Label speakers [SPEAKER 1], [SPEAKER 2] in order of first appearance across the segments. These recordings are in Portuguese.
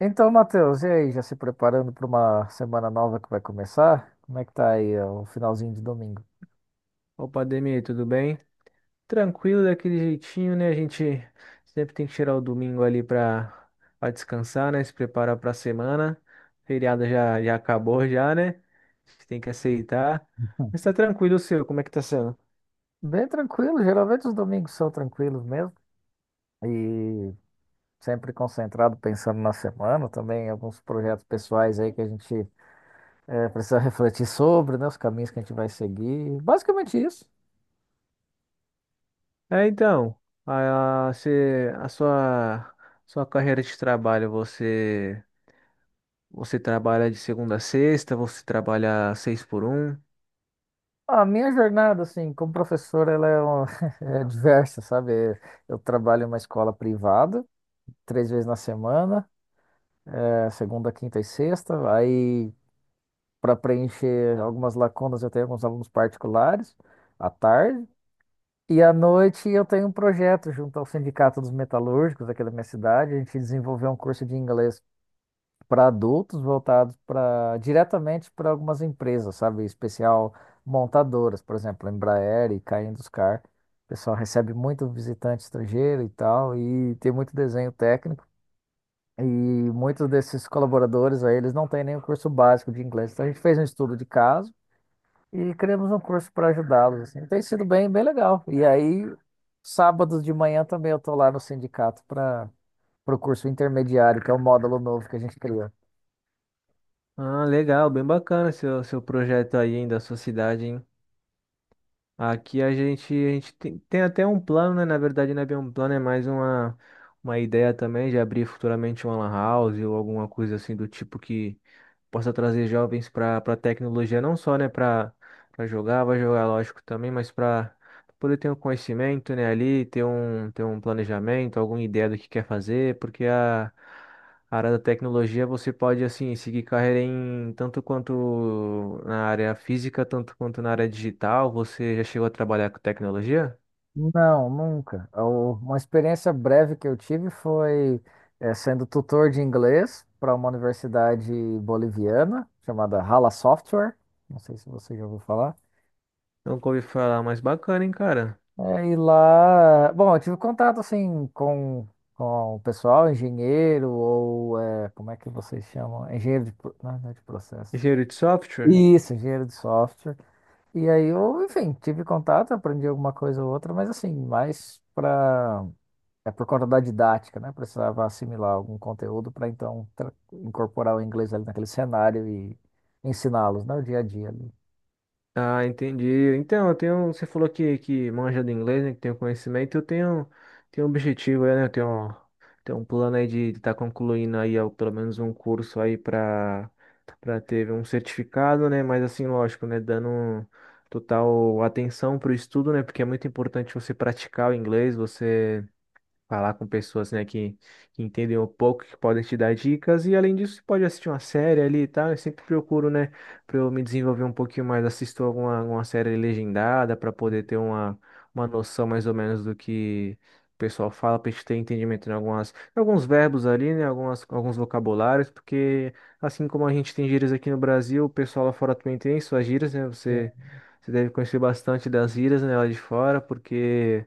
[SPEAKER 1] Então, Matheus, e aí, já se preparando para uma semana nova que vai começar? Como é que tá aí, ó, o finalzinho de domingo?
[SPEAKER 2] Opa, Ademir, tudo bem? Tranquilo daquele jeitinho, né? A gente sempre tem que tirar o domingo ali para descansar, né? Se preparar para a semana. Feriado já já acabou já, né? A gente tem que aceitar. Mas tá tranquilo o seu, como é que tá sendo?
[SPEAKER 1] Bem tranquilo, geralmente os domingos são tranquilos mesmo. E sempre concentrado pensando na semana, também alguns projetos pessoais aí que a gente precisa refletir sobre, né? Os caminhos que a gente vai seguir. Basicamente isso.
[SPEAKER 2] É, então, a sua sua carreira de trabalho, você trabalha de segunda a sexta, você trabalha seis por um?
[SPEAKER 1] A minha jornada, assim, como professor, ela é, é diversa, sabe? Eu trabalho em uma escola privada, três vezes na semana. É segunda, quinta e sexta. Aí, para preencher algumas lacunas, eu tenho alguns alunos particulares à tarde. E à noite eu tenho um projeto junto ao Sindicato dos Metalúrgicos aqui da minha cidade. A gente desenvolveu um curso de inglês para adultos voltado para diretamente para algumas empresas, sabe? Em especial montadoras, por exemplo, Embraer e K Induscar. O pessoal recebe muito visitante estrangeiro e tal, e tem muito desenho técnico. E muitos desses colaboradores aí, eles não têm nem o curso básico de inglês. Então a gente fez um estudo de caso e criamos um curso para ajudá-los, assim. Tem sido bem, bem legal. E aí, sábados de manhã também eu tô lá no sindicato para o curso intermediário, que é o módulo novo que a gente criou.
[SPEAKER 2] Ah, legal, bem bacana seu projeto aí da sua cidade, hein? Aqui a gente tem, tem até um plano, né? Na verdade, não é bem um plano, é mais uma ideia também de abrir futuramente uma lan house ou alguma coisa assim do tipo que possa trazer jovens para tecnologia, não só, né, para jogar, vai jogar, lógico, também, mas para poder ter um conhecimento, né, ali, ter um planejamento, alguma ideia do que quer fazer, porque a área da tecnologia você pode, assim, seguir carreira em tanto quanto na área física, tanto quanto na área digital. Você já chegou a trabalhar com tecnologia?
[SPEAKER 1] Não, nunca. Uma experiência breve que eu tive foi sendo tutor de inglês para uma universidade boliviana chamada Hala Software. Não sei se você já ouviu falar.
[SPEAKER 2] Nunca ouvi falar, mas bacana, hein, cara?
[SPEAKER 1] É, e lá, bom, eu tive contato assim com o pessoal, engenheiro, ou é, como é que vocês chamam? Engenheiro de, não, é, não é de processo.
[SPEAKER 2] Engenheiro de software?
[SPEAKER 1] Isso, engenheiro de software. E aí eu, enfim, tive contato, aprendi alguma coisa ou outra, mas assim, mais para é por conta da didática, né? Precisava assimilar algum conteúdo para então incorporar o inglês ali naquele cenário e ensiná-los, né? O dia a dia ali.
[SPEAKER 2] Ah, entendi. Então, eu tenho, você falou que manja do inglês, né, que tem o conhecimento, eu tenho, tenho um objetivo aí, né, eu tenho, tenho um plano aí de estar concluindo aí ao- pelo menos um curso aí para ter um certificado, né, mas assim, lógico, né, dando um total atenção para o estudo, né, porque é muito importante você praticar o inglês, você falar com pessoas, né, que entendem um pouco, que podem te dar dicas, e além disso, você pode assistir uma série ali e tal. Eu sempre procuro, né, para eu me desenvolver um pouquinho mais, assisto alguma, alguma série legendada para poder ter uma noção mais ou menos do que o pessoal fala, para gente ter entendimento em algumas, em alguns verbos ali, né, algumas, alguns vocabulários, porque assim como a gente tem gírias aqui no Brasil, o pessoal lá fora também tem suas gírias, né, você.
[SPEAKER 1] Sim,
[SPEAKER 2] Você deve conhecer bastante das gírias, né, lá de fora, porque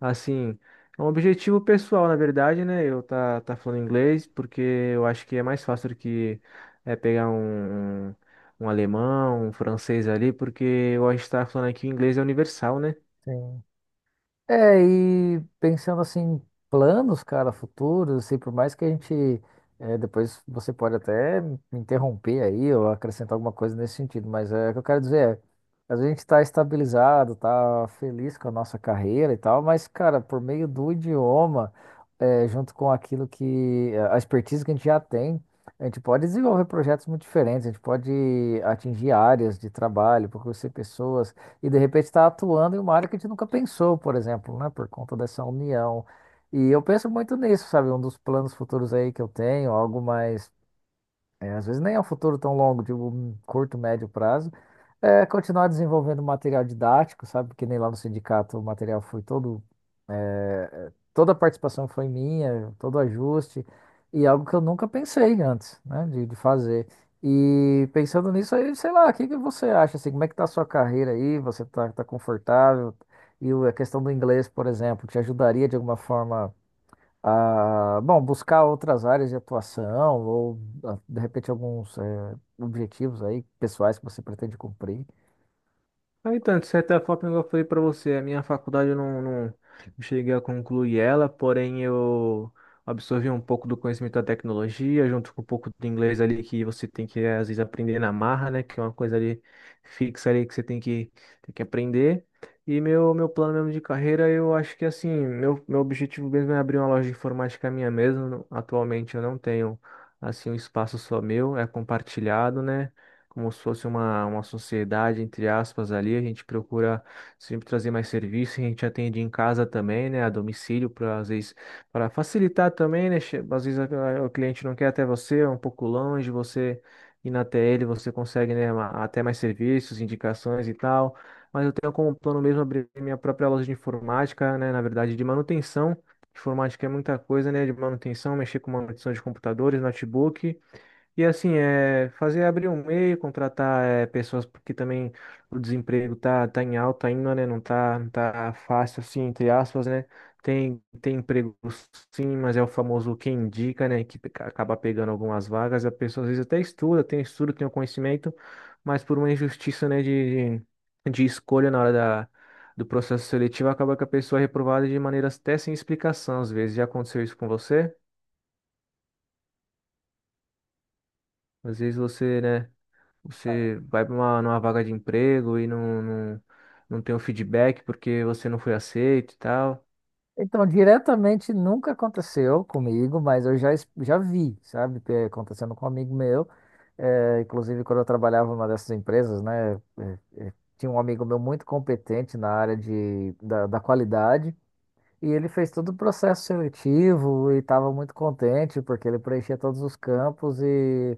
[SPEAKER 2] assim, é um objetivo pessoal, na verdade, né? Eu tá, tá falando inglês porque eu acho que é mais fácil do que é, pegar um alemão, um francês ali, porque eu acho que tá falando aqui o inglês é universal, né?
[SPEAKER 1] sim. É, e pensando assim, em planos, cara, futuros, assim, por mais que a gente, é, depois você pode até me interromper aí ou acrescentar alguma coisa nesse sentido, mas é, o que eu quero dizer é, a gente tá estabilizado, tá feliz com a nossa carreira e tal, mas, cara, por meio do idioma, é, junto com aquilo que, a expertise que a gente já tem, a gente pode desenvolver projetos muito diferentes, a gente pode atingir áreas de trabalho, por conhecer pessoas, e de repente está atuando em uma área que a gente nunca pensou, por exemplo, né? Por conta dessa união. E eu penso muito nisso, sabe? Um dos planos futuros aí que eu tenho, algo mais, é, às vezes nem é um futuro tão longo, de um curto, médio prazo, é continuar desenvolvendo material didático, sabe? Porque nem lá no sindicato o material foi todo. Toda a participação foi minha, todo o ajuste, e algo que eu nunca pensei antes, né, de fazer. E pensando nisso aí, sei lá, o que que você acha, assim, como é que tá a sua carreira aí? Você tá, tá confortável? E a questão do inglês, por exemplo, te ajudaria de alguma forma a, bom, buscar outras áreas de atuação ou, ah, de repente, alguns, objetivos aí pessoais que você pretende cumprir?
[SPEAKER 2] Ah, então, de certa forma, igual eu falei para você, a minha faculdade eu não cheguei a concluir ela, porém eu absorvi um pouco do conhecimento da tecnologia, junto com um pouco do inglês ali que você tem que, às vezes, aprender na marra, né? Que é uma coisa ali fixa ali que você tem que aprender. E meu plano mesmo de carreira, eu acho que, assim, meu objetivo mesmo é abrir uma loja de informática minha mesmo. Atualmente eu não tenho, assim, um espaço só meu, é compartilhado, né? Como se fosse uma sociedade, entre aspas, ali. A gente procura sempre trazer mais serviço, a gente atende em casa também, né, a domicílio, para às vezes para facilitar também, né? Às vezes o cliente não quer até você, é um pouco longe, você ir na TL, você consegue, né, ma- até mais serviços, indicações e tal. Mas eu tenho como plano mesmo abrir minha própria loja de informática, né, na verdade, de manutenção. Informática é muita coisa, né? De manutenção, mexer com manutenção de computadores, notebook. E assim, é, fazer abrir um e-mail, contratar é, pessoas, porque também o desemprego tá, tá em alta ainda, né? Não tá, não tá fácil assim, entre aspas, né? Tem, tem emprego sim, mas é o famoso quem indica, né? Que peca- acaba pegando algumas vagas. A pessoa às vezes até estuda, tem estudo, tem o conhecimento, mas por uma injustiça, né, de escolha na hora da, do processo seletivo, acaba que a pessoa é reprovada de maneiras até sem explicação, às vezes. Já aconteceu isso com você? Às vezes você, né? Você vai para uma numa vaga de emprego e não tem o feedback porque você não foi aceito e tal.
[SPEAKER 1] Então, diretamente nunca aconteceu comigo, mas eu já, já vi, sabe, que é acontecendo com um amigo meu. Inclusive, quando eu trabalhava numa dessas empresas, né, tinha um amigo meu muito competente na área de, da, da qualidade. E ele fez todo o processo seletivo e estava muito contente porque ele preenchia todos os campos e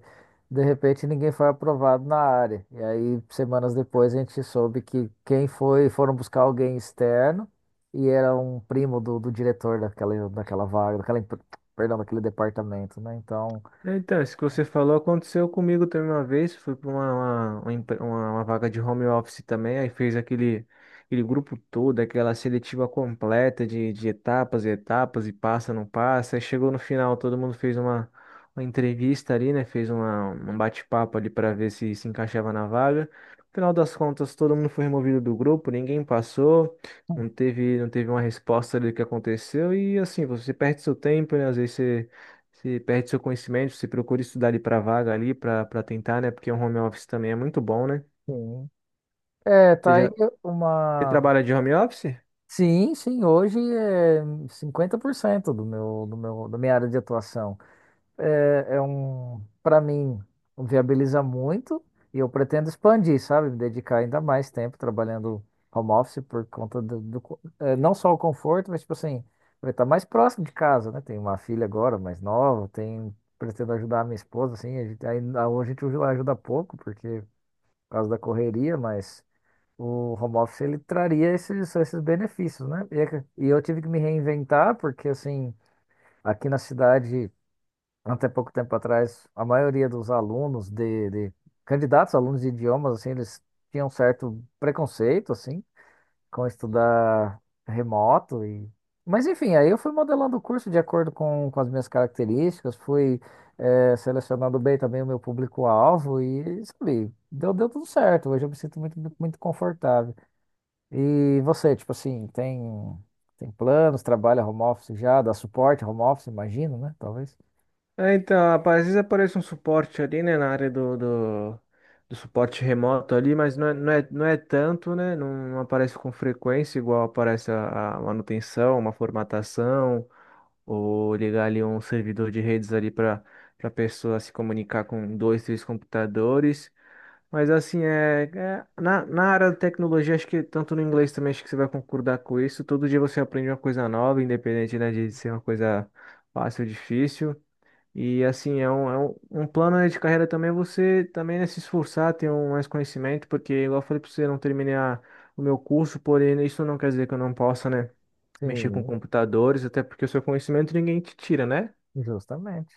[SPEAKER 1] de repente ninguém foi aprovado na área. E aí, semanas depois, a gente soube que quem foi, foram buscar alguém externo e era um primo do, do diretor daquela, daquela vaga, daquela, perdão, daquele departamento, né? Então,
[SPEAKER 2] É, então, isso que você falou aconteceu comigo também uma vez. Fui para uma, empre- uma vaga de home office também. Aí fez aquele, aquele grupo todo, aquela seletiva completa de etapas e etapas, e passa, não passa. Aí chegou no final, todo mundo fez uma entrevista ali, né? Fez uma, um bate-papo ali para ver se se encaixava na vaga. No final das contas, todo mundo foi removido do grupo, ninguém passou, não teve uma resposta ali do que aconteceu. E assim, você perde seu tempo, né? Às vezes você. Você perde seu conhecimento, você procura estudar ali para vaga ali, para tentar, né? Porque o home office também é muito bom, né?
[SPEAKER 1] sim. É,
[SPEAKER 2] Você
[SPEAKER 1] tá aí
[SPEAKER 2] já você
[SPEAKER 1] uma.
[SPEAKER 2] trabalha de home office?
[SPEAKER 1] Sim, sim, hoje é 50% do meu, da minha área de atuação. É, é um, para mim, viabiliza muito e eu pretendo expandir, sabe? Me dedicar ainda mais tempo trabalhando home office por conta do, do é, não só o conforto, mas tipo assim, vai estar mais próximo de casa, né? Tenho uma filha agora, mais nova, tem, pretendo ajudar a minha esposa, assim, a gente, ainda, a gente ajuda pouco porque por causa da correria, mas o home office ele traria esses, esses benefícios, né? E, é e eu tive que me reinventar porque assim, aqui na cidade até pouco tempo atrás, a maioria dos alunos de candidatos, alunos de idiomas, assim, eles tinham um certo preconceito, assim, com estudar remoto e... Mas enfim, aí eu fui modelando o curso de acordo com as minhas características, fui selecionando bem também o meu público-alvo e, sabe, deu, deu tudo certo. Hoje eu me sinto muito, muito confortável. E você, tipo assim, tem, tem planos, trabalha home office já, dá suporte home office, imagino, né? Talvez.
[SPEAKER 2] É, então, rapaz, às vezes aparece um suporte ali, né, na área do suporte remoto ali, mas não é tanto, né? Não aparece com frequência igual aparece a manutenção, uma formatação, ou ligar ali um servidor de redes ali para pessoa se comunicar com dois, três computadores. Mas assim, é, é- na área da tecnologia, acho que tanto no inglês também, acho que você vai concordar com isso. Todo dia você aprende uma coisa nova, independente, né, de ser uma coisa fácil ou difícil. E assim, é um plano, né, de carreira também, é você também, né, se esforçar, ter um, mais conhecimento, porque, igual eu falei para você, eu não terminei a- o meu curso, porém isso não quer dizer que eu não possa, né? Mexer com
[SPEAKER 1] Sim.
[SPEAKER 2] computadores, até porque o seu conhecimento ninguém te tira, né?
[SPEAKER 1] Justamente.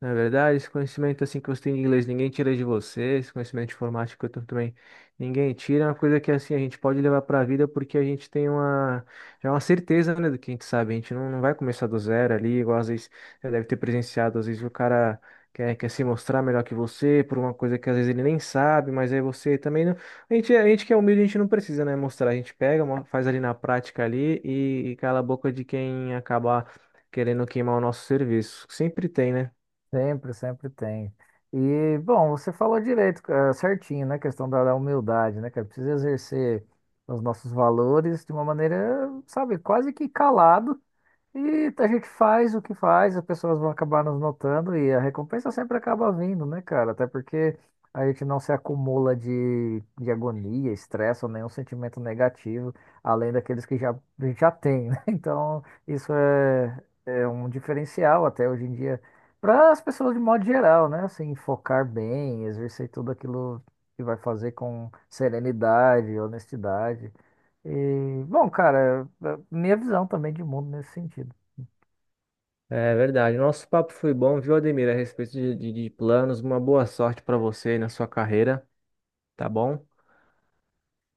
[SPEAKER 2] Não é verdade? Esse conhecimento assim que você tem de inglês, ninguém tira de você. Esse conhecimento de informática que eu tenho também, ninguém tira. É uma coisa que assim a gente pode levar para a vida porque a gente tem uma já é uma certeza, né, do que a gente sabe. A gente não vai começar do zero ali, igual às vezes já deve ter presenciado, às vezes o cara quer se mostrar melhor que você por uma coisa que às vezes ele nem sabe, mas aí você também não. A gente que é humilde, a gente não precisa, né, mostrar. A gente pega, mo- faz ali na prática ali e cala a boca de quem acabar querendo queimar o nosso serviço. Sempre tem, né?
[SPEAKER 1] Sempre, sempre tem. E, bom, você falou direito, certinho, né? Questão da humildade, né, cara? Precisa exercer os nossos valores de uma maneira, sabe, quase que calado. E a gente faz o que faz, as pessoas vão acabar nos notando e a recompensa sempre acaba vindo, né, cara? Até porque a gente não se acumula de agonia, estresse ou nenhum sentimento negativo, além daqueles que já, a gente já tem, né? Então, isso é, é um diferencial até hoje em dia para as pessoas de modo geral, né? Assim, focar bem, exercer tudo aquilo que vai fazer com serenidade, honestidade. E, bom, cara, é é minha visão também de mundo nesse sentido.
[SPEAKER 2] É verdade. Nosso papo foi bom, viu, Ademir? A respeito de planos, uma boa sorte para você aí na sua carreira, tá bom?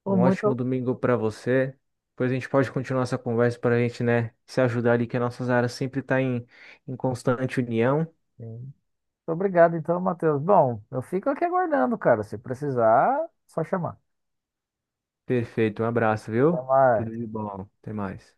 [SPEAKER 1] Pô,
[SPEAKER 2] Um ótimo
[SPEAKER 1] muito,
[SPEAKER 2] domingo para você. Depois a gente pode continuar essa conversa para a gente, né, se ajudar ali, que as nossas áreas sempre tá em, em constante união.
[SPEAKER 1] sim. Muito obrigado, então, Matheus. Bom, eu fico aqui aguardando, cara. Se precisar, só chamar.
[SPEAKER 2] Perfeito. Um abraço, viu? Tudo
[SPEAKER 1] Chamar.
[SPEAKER 2] de bom. Até mais.